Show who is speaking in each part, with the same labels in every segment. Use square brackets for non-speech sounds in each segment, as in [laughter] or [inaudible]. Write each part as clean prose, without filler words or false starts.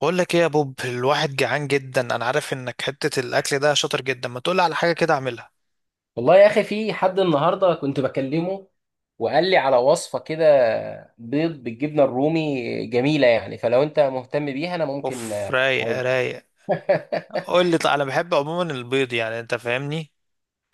Speaker 1: بقول لك ايه يا بوب، الواحد جعان جدا. انا عارف انك حتة الاكل ده شاطر جدا، ما تقول على حاجة كده اعملها.
Speaker 2: والله يا اخي في حد النهارده كنت بكلمه، وقال لي على وصفه كده. بيض بالجبنه الرومي، جميله يعني. فلو انت مهتم بيها انا ممكن
Speaker 1: اوف، رايق
Speaker 2: اقول.
Speaker 1: رايق.
Speaker 2: [laughs]
Speaker 1: قول لي، انا بحب عموما البيض، يعني انت فاهمني.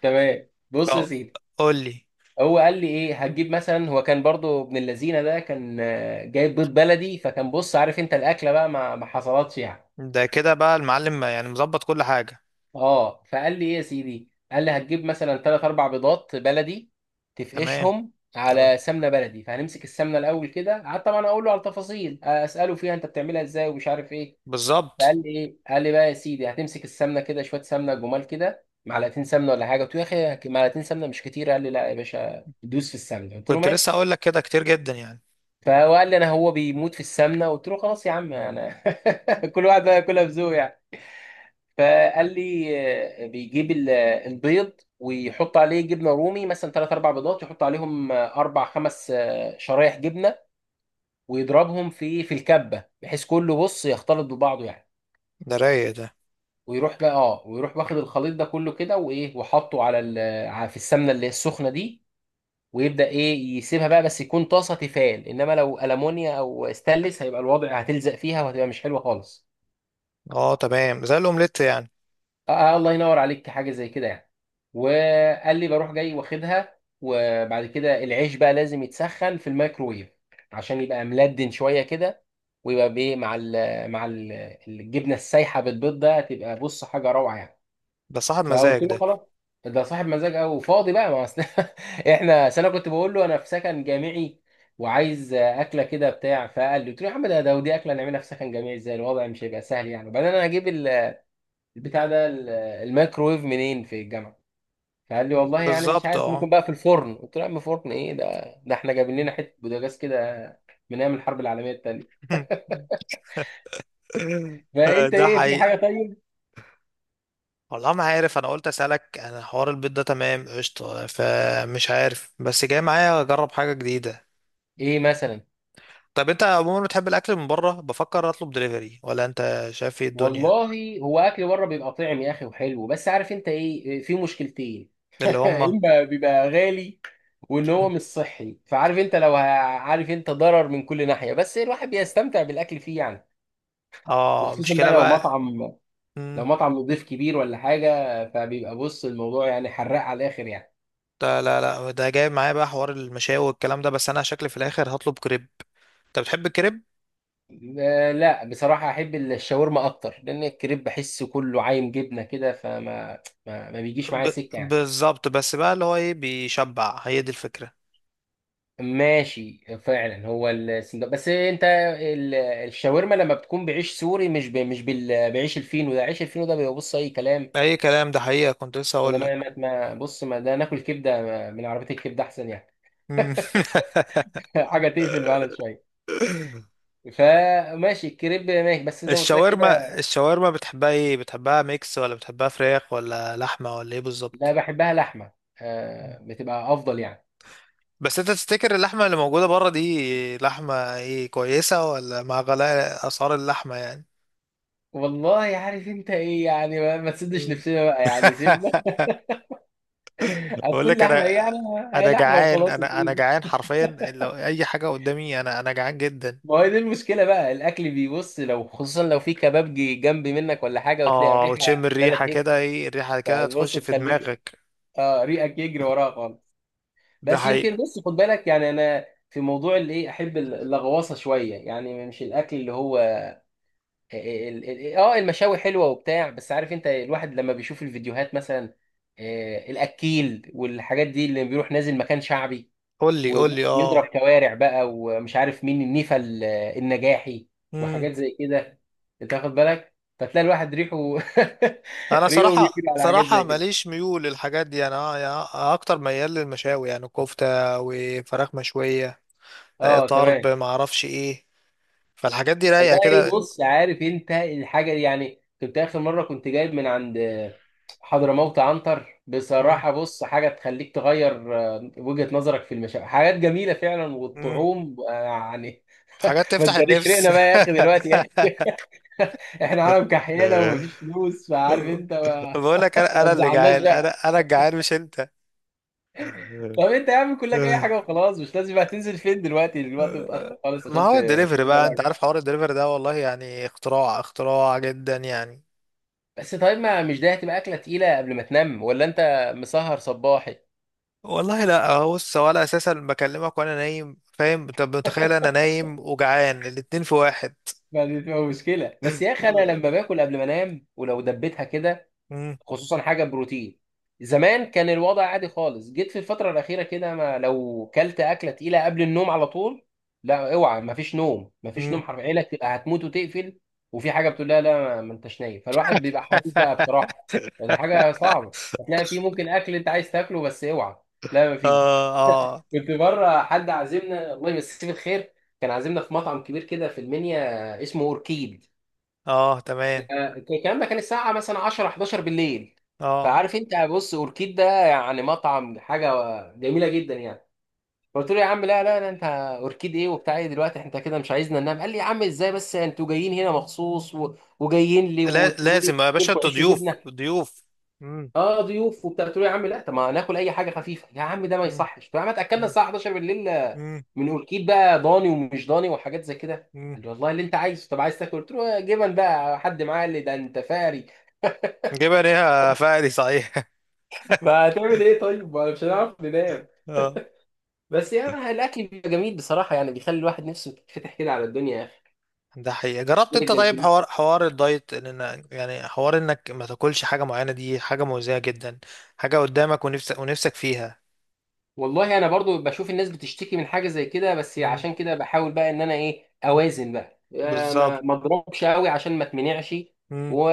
Speaker 2: تمام، بص يا
Speaker 1: ف-
Speaker 2: سيدي.
Speaker 1: قول لي.
Speaker 2: هو قال لي ايه؟ هتجيب مثلا، هو كان برضو ابن اللذينه ده كان جايب بيض بلدي، فكان بص، عارف انت الاكله بقى ما حصلتش يعني.
Speaker 1: ده كده بقى المعلم، يعني مظبط كل حاجة.
Speaker 2: اه، فقال لي ايه يا سيدي. قال لي هتجيب مثلا ثلاث اربع بيضات بلدي،
Speaker 1: تمام.
Speaker 2: تفقشهم
Speaker 1: تمام.
Speaker 2: على سمنه بلدي، فهنمسك السمنه الاول كده. قعدت طبعا اقول له على التفاصيل، اساله فيها انت بتعملها ازاي ومش عارف ايه.
Speaker 1: بالظبط.
Speaker 2: فقال لي ايه، قال لي بقى يا سيدي، هتمسك السمنه كده شويه سمنه جمال كده، معلقتين سمنه ولا حاجه. قلت له يا اخي معلقتين سمنه مش كتير؟ قال لي لا يا باشا، دوس في السمنه. قلت له
Speaker 1: كنت لسه
Speaker 2: ماشي.
Speaker 1: اقول لك كده، كتير جدا يعني.
Speaker 2: فهو قال لي انا هو بيموت في السمنه. قلت له خلاص يا عم انا. [laughs] كل واحد بقى ياكلها بذوق يعني. فقال لي بيجيب البيض، ويحط عليه جبنه رومي، مثلا ثلاث اربع بيضات يحط عليهم اربع خمس شرايح جبنه، ويضربهم في الكبه بحيث كله بص يختلط ببعضه يعني.
Speaker 1: ده رايق ده.
Speaker 2: ويروح بقى اه ويروح واخد الخليط ده كله كده، وايه، وحطه على في السمنه اللي هي السخنه دي، ويبدا ايه يسيبها بقى. بس يكون طاسه تيفال، انما لو المونيا او استانلس هيبقى الوضع هتلزق فيها وهتبقى مش حلوه خالص.
Speaker 1: اه، تمام، زي الاومليت يعني.
Speaker 2: الله ينور عليك، حاجه زي كده يعني. وقال لي بروح جاي واخدها، وبعد كده العيش بقى لازم يتسخن في الميكروويف عشان يبقى ملدن شويه كده، ويبقى بايه مع ال مع ال الجبنه السايحه بالبيض ده. تبقى بص حاجه روعه يعني.
Speaker 1: ده صاحب
Speaker 2: فقلت
Speaker 1: مزاج
Speaker 2: له
Speaker 1: ده.
Speaker 2: خلاص، ده صاحب مزاج قوي وفاضي بقى. ما أصل [laughs] احنا أصل انا كنت بقول له انا في سكن جامعي وعايز اكله كده بتاع. فقال لي، قلت له يا عم ده ودي اكله نعملها في سكن جامعي ازاي؟ الوضع مش هيبقى سهل يعني. وبعدين انا هجيب البتاع ده الميكروويف منين في الجامعه؟ فقال لي والله يعني مش
Speaker 1: بالظبط،
Speaker 2: عارف،
Speaker 1: اه.
Speaker 2: ممكن بقى في الفرن. قلت له يا عم فرن ايه ده؟ ده احنا جايبين لنا حته بوتاجاز كده من ايام الحرب العالميه الثانيه.
Speaker 1: [laughs]
Speaker 2: فانت
Speaker 1: ده
Speaker 2: ايه، في حاجه
Speaker 1: حقيقي.
Speaker 2: طيب؟
Speaker 1: والله ما عارف، انا قلت اسالك، انا حوار البيض ده تمام قشطه. فمش عارف، بس جاي معايا اجرب حاجه جديده.
Speaker 2: ايه مثلا؟
Speaker 1: طب انت عموما بتحب الاكل من بره؟ بفكر اطلب دليفري، ولا انت شايف ايه الدنيا؟
Speaker 2: والله هو اكل بره بيبقى طعم يا اخي وحلو، بس عارف انت ايه، في مشكلتين. [laughs]
Speaker 1: اللي هما؟
Speaker 2: اما بيبقى غالي، وان هو
Speaker 1: مم.
Speaker 2: مش صحي. فعارف انت لو عارف انت ضرر من كل ناحيه، بس الواحد بيستمتع بالاكل فيه يعني.
Speaker 1: اه،
Speaker 2: وخصوصا بقى
Speaker 1: مشكله
Speaker 2: لو
Speaker 1: بقى.
Speaker 2: مطعم، لو
Speaker 1: مم.
Speaker 2: مطعم نضيف كبير ولا حاجة، فبيبقى بص الموضوع يعني حراق على الآخر يعني.
Speaker 1: ده لا لا، ده جاي معايا بقى حوار المشاوي والكلام ده. بس انا شكلي في الاخر هطلب كريب. انت بتحب الكريب؟
Speaker 2: لا بصراحة أحب الشاورما أكتر، لأن الكريب بحسه كله عايم جبنة كده، فما ما, ما بيجيش معايا
Speaker 1: ب...
Speaker 2: سكة يعني.
Speaker 1: بالظبط. بس بقى اللي هو ايه، بيشبع، هي دي الفكره.
Speaker 2: ماشي فعلا، هو السندوتش بس، أنت الشاورما لما بتكون بعيش سوري مش ب... مش بال... بعيش الفينو ده. عيش الفينو ده بيبقى بص أي كلام.
Speaker 1: اي كلام، ده حقيقه، كنت لسه
Speaker 2: ده
Speaker 1: هقول لك.
Speaker 2: بص ما ده ناكل كبدة من عربية الكبدة أحسن يعني.
Speaker 1: مم.
Speaker 2: [laughs] حاجة تقفل معانا شوية.
Speaker 1: [laughs]
Speaker 2: فماشي الكريب ماشي، بس زي ما قلت لك كده.
Speaker 1: الشاورما بتحبها ايه، بتحبها ميكس ولا بتحبها فراخ ولا لحمة ولا ايه
Speaker 2: لا
Speaker 1: بالظبط؟
Speaker 2: بحبها لحمة، آه بتبقى أفضل يعني.
Speaker 1: بس انت تفتكر اللحمة اللي موجودة بره دي لحمة ايه، كويسة ولا مع غلاء اسعار اللحمة يعني؟
Speaker 2: والله عارف انت ايه يعني، ما تسدش
Speaker 1: مم.
Speaker 2: نفسنا بقى يعني، سيبنا.
Speaker 1: [laughs]
Speaker 2: [laughs]
Speaker 1: بقول
Speaker 2: هتكون
Speaker 1: لك
Speaker 2: لحمة ايه
Speaker 1: انا،
Speaker 2: يعني، هي
Speaker 1: انا
Speaker 2: لحمة
Speaker 1: جعان
Speaker 2: وخلاص يا
Speaker 1: انا انا
Speaker 2: سيدي.
Speaker 1: جعان حرفيا لو اي حاجة قدامي انا انا جعان جدا
Speaker 2: ما هي دي المشكلة بقى، الأكل بيبص لو خصوصا لو في كباب جي جنب منك ولا حاجة، وتلاقي
Speaker 1: اه
Speaker 2: الريحة
Speaker 1: وتشم
Speaker 2: عمالة
Speaker 1: الريحة
Speaker 2: تهف،
Speaker 1: كده ايه الريحة كده
Speaker 2: فبص
Speaker 1: تخش في
Speaker 2: تخليك،
Speaker 1: دماغك
Speaker 2: اه ريقك يجري وراها خالص.
Speaker 1: ده
Speaker 2: بس يمكن
Speaker 1: حقيقة
Speaker 2: بص خد بالك يعني، أنا في موضوع الايه أحب اللغواصة شوية يعني، مش الأكل اللي هو المشاوي حلوه وبتاع، بس عارف انت الواحد لما بيشوف الفيديوهات مثلا، الاكيل والحاجات دي، اللي بيروح نازل مكان شعبي
Speaker 1: قول لي قول لي
Speaker 2: وبص يضرب
Speaker 1: اه
Speaker 2: كوارع بقى، ومش عارف مين النيفا النجاحي وحاجات زي كده، انت واخد بالك؟ فتلاقي الواحد ريحه [laughs]
Speaker 1: انا
Speaker 2: ريحه
Speaker 1: صراحه
Speaker 2: بيجري على حاجات زي
Speaker 1: صراحه
Speaker 2: كده.
Speaker 1: ماليش ميول للحاجات دي انا يعني أنا اكتر ميال للمشاوي يعني كفته وفراخ مشويه آه،
Speaker 2: اه تمام.
Speaker 1: طرب ما اعرفش ايه فالحاجات دي رايقه
Speaker 2: والله
Speaker 1: كده
Speaker 2: بص عارف انت الحاجه دي يعني، كنت اخر مره كنت جايب من عند حضرموت عنتر
Speaker 1: مم،
Speaker 2: بصراحه، بص حاجه تخليك تغير وجهه نظرك في المشاكل، حاجات جميله فعلا،
Speaker 1: مم.
Speaker 2: والطعوم يعني.
Speaker 1: حاجات
Speaker 2: ما
Speaker 1: تفتح
Speaker 2: تجريش ريقنا
Speaker 1: النفس
Speaker 2: بقى يا اخي دلوقتي يا اخي. [laughs] احنا عالم كحيانه ومفيش فلوس، فعارف
Speaker 1: [laughs]
Speaker 2: انت
Speaker 1: بقول لك أنا
Speaker 2: ما
Speaker 1: اللي
Speaker 2: تزعلناش
Speaker 1: جعان. انا
Speaker 2: بقى.
Speaker 1: انا الجعان مش انت.
Speaker 2: طب انت يا عم كلك اي حاجه
Speaker 1: [laughs]
Speaker 2: وخلاص، مش لازم بقى تنزل فين دلوقتي، دلوقتي متاخر خالص
Speaker 1: ما
Speaker 2: عشان
Speaker 1: هو الدليفري
Speaker 2: تجيب
Speaker 1: بقى، انت
Speaker 2: حاجة.
Speaker 1: عارف حوار الدليفري ده، والله يعني اختراع اختراع جدا يعني.
Speaker 2: بس طيب، ما مش ده هتبقى اكله تقيله قبل ما تنام؟ ولا انت مسهر صباحي؟
Speaker 1: والله لا، بص، هو انا اساسا بكلمك وانا نايم. فاهم انت؟ متخيل انا نايم وجعان، الاتنين في واحد.
Speaker 2: ما دي تبقى مشكله بس يا اخي، انا لما باكل قبل ما انام ولو دبيتها كده،
Speaker 1: مم.
Speaker 2: خصوصا حاجه بروتين. زمان كان الوضع عادي خالص، جيت في الفتره الاخيره كده، ما لو كلت اكله تقيله قبل النوم على طول، لا اوعى، ما فيش نوم، ما فيش
Speaker 1: مم.
Speaker 2: نوم حرفيا. عينك تبقى هتموت وتقفل، وفي حاجه بتقول لها لا ما انتش نايم. فالواحد بيبقى حريص بقى
Speaker 1: [laughs]
Speaker 2: بصراحه، ولا حاجه صعبه. هتلاقي في ممكن اكل انت عايز تاكله، بس اوعى، لا ما فيش.
Speaker 1: اه. اه.
Speaker 2: كنت بره، حد عازمنا الله يمسيه بالخير، كان عازمنا في مطعم كبير كده في المنيا اسمه اوركيد.
Speaker 1: اه، تمام.
Speaker 2: الكلام ده كان الساعه مثلا 10 11 بالليل.
Speaker 1: اه.
Speaker 2: فعارف انت بص اوركيد ده يعني مطعم حاجه جميله جدا يعني. قلت له يا عم لا لا لا، انت اوركيد ايه وبتاع ايه دلوقتي، انت كده مش عايزنا ننام. قال لي يا عم ازاي بس، انتوا جايين هنا مخصوص وجايين لي
Speaker 1: لا،
Speaker 2: وتقولوا لي
Speaker 1: لازم يا باشا،
Speaker 2: اكلكم
Speaker 1: انتوا
Speaker 2: عيش
Speaker 1: ضيوف
Speaker 2: وجبنه.
Speaker 1: ضيوف. مم.
Speaker 2: اه ضيوف وبتاع. قلت له يا عم لا، طب ما ناكل اي حاجه خفيفه يا عم، ده ما
Speaker 1: مم.
Speaker 2: يصحش. طب يا عم اتاكلنا
Speaker 1: مم.
Speaker 2: الساعه 11 بالليل
Speaker 1: مم.
Speaker 2: من اوركيد بقى ضاني ومش ضاني وحاجات زي كده؟
Speaker 1: مم.
Speaker 2: قال لي والله اللي انت عايزه، طب عايز تاكل؟ قلت له جبن بقى، حد معاه اللي ده انت فاري.
Speaker 1: جبن ايه يا فقري صحيح؟ [laughs]
Speaker 2: [laughs] ما هتعمل ايه طيب، ما مش هنعرف ننام.
Speaker 1: اه.
Speaker 2: بس يعني الاكل بيبقى جميل بصراحه يعني، بيخلي الواحد نفسه تتفتح كده على الدنيا يا
Speaker 1: ده حقيقة، جربت انت
Speaker 2: اخي.
Speaker 1: طيب حوار الدايت، يعني حوار انك ما تاكلش حاجة معينة؟ دي حاجة مؤذية جدا. حاجة قدامك، ونفسك فيها.
Speaker 2: والله انا برضو بشوف الناس بتشتكي من حاجه زي كده، بس
Speaker 1: مم.
Speaker 2: عشان كده بحاول بقى ان انا ايه اوازن بقى، ما
Speaker 1: بالظبط.
Speaker 2: ما اضربش قوي عشان ما اتمنعش،
Speaker 1: مم.
Speaker 2: و...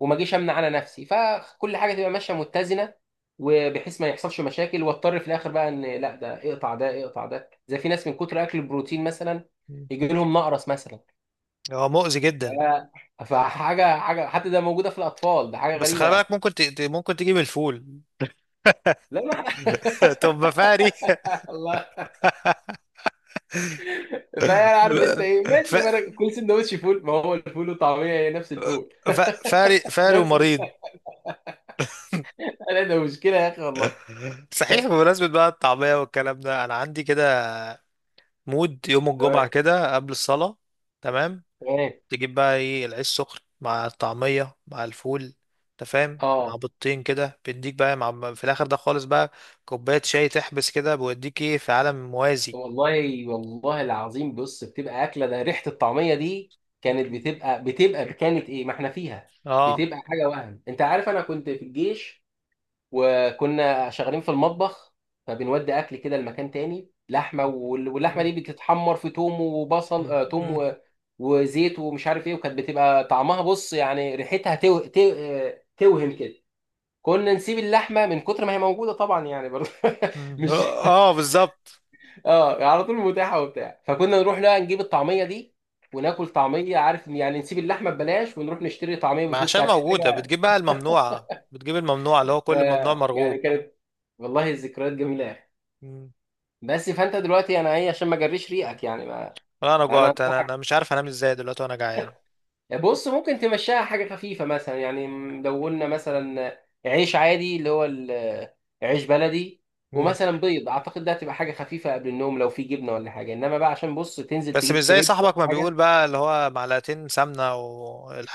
Speaker 2: وما اجيش امنع على نفسي، فكل حاجه تبقى ماشيه متزنه، وبحيث ما يحصلش مشاكل واضطر في الاخر بقى ان لا ده اقطع ده اقطع ده. زي في ناس من كتر اكل البروتين مثلا
Speaker 1: مم.
Speaker 2: يجي لهم نقرس مثلا،
Speaker 1: هو مؤذي جدا.
Speaker 2: ف- فحاجه حاجه، حتى ده موجوده في الاطفال، ده حاجه
Speaker 1: بس
Speaker 2: غريبه
Speaker 1: خلي بالك،
Speaker 2: يعني.
Speaker 1: ممكن تجيب الفول.
Speaker 2: لا
Speaker 1: [laughs] طب ما فاري.
Speaker 2: لا [laughs] الله. فانا عارف انت ايه،
Speaker 1: [laughs] ف...
Speaker 2: ماشي، ما انا كل سندوتش فول، ما هو الفول وطعميه هي نفس الفول،
Speaker 1: ف... فاري فاري
Speaker 2: نفس
Speaker 1: ومريض.
Speaker 2: [laughs] انا ده مشكله يا اخي والله.
Speaker 1: صحيح، بمناسبة بقى الطعمية والكلام ده، أنا عندي كده مود يوم الجمعة
Speaker 2: تمام
Speaker 1: كده قبل الصلاة. تمام.
Speaker 2: تمام.
Speaker 1: تجيب بقى إيه، العيش سخن مع الطعمية مع الفول. أنت فاهم، مع
Speaker 2: اه
Speaker 1: بيضتين كده بيديك بقى، مع في الآخر ده خالص بقى كوباية شاي تحبس كده، بيوديك إيه في عالم موازي.
Speaker 2: والله والله العظيم بص، بتبقى اكله، ده ريحه الطعميه دي كانت بتبقى كانت ايه، ما احنا فيها،
Speaker 1: أه.
Speaker 2: بتبقى حاجه وهم. انت عارف انا كنت في الجيش وكنا شغالين في المطبخ، فبنودي اكل كده لمكان تاني، لحمه واللحمه دي بتتحمر في توم وبصل، آه توم وزيت ومش عارف ايه، وكانت بتبقى طعمها بص يعني ريحتها تو... تو... آه، توهم كده. كنا نسيب اللحمه من كتر ما هي موجوده طبعا يعني برضه. [laughs] مش،
Speaker 1: اه. آه، بالظبط.
Speaker 2: اه على طول متاحه وبتاع، فكنا نروح بقى نجيب الطعميه دي وناكل طعميه، عارف يعني، نسيب اللحمه ببلاش ونروح نشتري طعميه
Speaker 1: ما
Speaker 2: بفلوس.
Speaker 1: عشان
Speaker 2: كانت
Speaker 1: موجودة،
Speaker 2: حاجه
Speaker 1: بتجيب بقى الممنوعة، بتجيب الممنوعة اللي هو
Speaker 2: ف-
Speaker 1: كل ممنوع
Speaker 2: يعني
Speaker 1: مرغوب.
Speaker 2: كانت، والله الذكريات جميله.
Speaker 1: مم.
Speaker 2: بس فانت دلوقتي انا ايه عشان ما اجريش ريقك يعني ما.
Speaker 1: والله انا
Speaker 2: انا
Speaker 1: جوعت، انا مش عارف انام ازاي دلوقتي وانا جعان.
Speaker 2: بص ممكن تمشيها حاجه خفيفه مثلا يعني، لو قلنا مثلا عيش عادي اللي هو عيش بلدي،
Speaker 1: مم.
Speaker 2: ومثلا بيض، اعتقد ده هتبقى حاجه خفيفه قبل النوم، لو في جبنه ولا حاجه. انما بقى عشان بص تنزل
Speaker 1: بس مش
Speaker 2: تجيب
Speaker 1: زي
Speaker 2: كريب ولا
Speaker 1: صاحبك ما بيقول
Speaker 2: حاجه،
Speaker 1: بقى، اللي هو معلقتين سمنة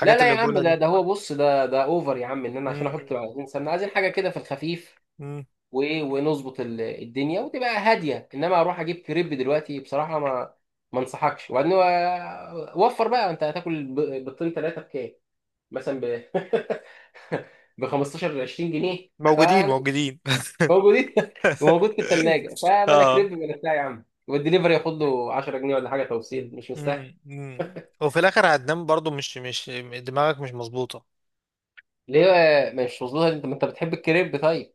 Speaker 2: لا لا
Speaker 1: اللي
Speaker 2: يا عم،
Speaker 1: بيقولها
Speaker 2: ده
Speaker 1: دي.
Speaker 2: ده هو بص ده اوفر يا عم. ان انا
Speaker 1: مم.
Speaker 2: عشان احط
Speaker 1: مم.
Speaker 2: 20 سنه عايزين حاجه كده في الخفيف
Speaker 1: مم.
Speaker 2: وايه، ونظبط الدنيا وتبقى هاديه. انما اروح اجيب كريب دلوقتي بصراحه ما انصحكش. وبعدين وفر بقى، انت هتاكل بيضتين ثلاثه بكام مثلا، ب [laughs] ب 15 20 جنيه.
Speaker 1: موجودين
Speaker 2: فانا
Speaker 1: موجودين.
Speaker 2: موجودين [laughs] وموجود في
Speaker 1: [laughs]
Speaker 2: الثلاجه، فبلا كريب
Speaker 1: اه.
Speaker 2: بلا بتاع يا عم، والدليفري ياخد له 10 جنيه ولا حاجه توصيل، مش مستاهل.
Speaker 1: مم. مم. وفي الاخر هتنام برضو، مش دماغك مش مظبوطة.
Speaker 2: ليه بقى مش مظبوط، انت ما انت بتحب الكريب طيب؟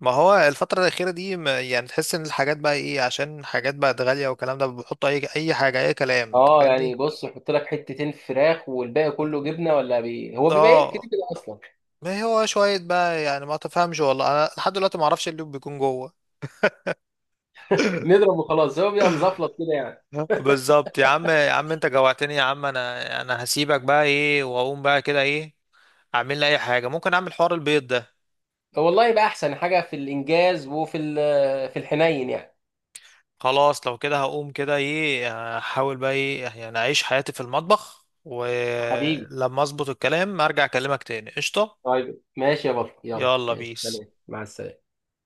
Speaker 1: ما هو الفترة الأخيرة دي، يعني تحس إن الحاجات بقى إيه، عشان حاجات بقت غالية والكلام ده، بيحطوا أي حاجة، أي كلام، أنت
Speaker 2: اه يعني
Speaker 1: فاهمني؟
Speaker 2: بص يحط لك حتتين فراخ والباقي كله جبنه، ولا هو بيبقى ايه
Speaker 1: آه.
Speaker 2: الكريب ده اصلا؟
Speaker 1: ما هو شوية بقى يعني ما تفهمش، والله أنا لحد دلوقتي ما أعرفش إيه اللي بيكون جوه.
Speaker 2: نضرب وخلاص، هو بيبقى مزفلط كده يعني.
Speaker 1: [laughs] بالظبط يا عم، يا عم أنت جوعتني يا عم. أنا هسيبك بقى إيه وأقوم بقى كده إيه. أعمل لي أي حاجة، ممكن أعمل حوار البيض ده.
Speaker 2: والله يبقى احسن حاجه، في الانجاز وفي في الحنين يعني.
Speaker 1: خلاص، لو كده هقوم كده إيه، أحاول بقى إيه يعني أعيش حياتي في المطبخ،
Speaker 2: حبيبي.
Speaker 1: ولما أظبط الكلام أرجع أكلمك تاني. قشطة.
Speaker 2: طيب ماشي يا بطل، يلا
Speaker 1: يلا
Speaker 2: ماشي،
Speaker 1: بيس.
Speaker 2: سلام، مع السلامه.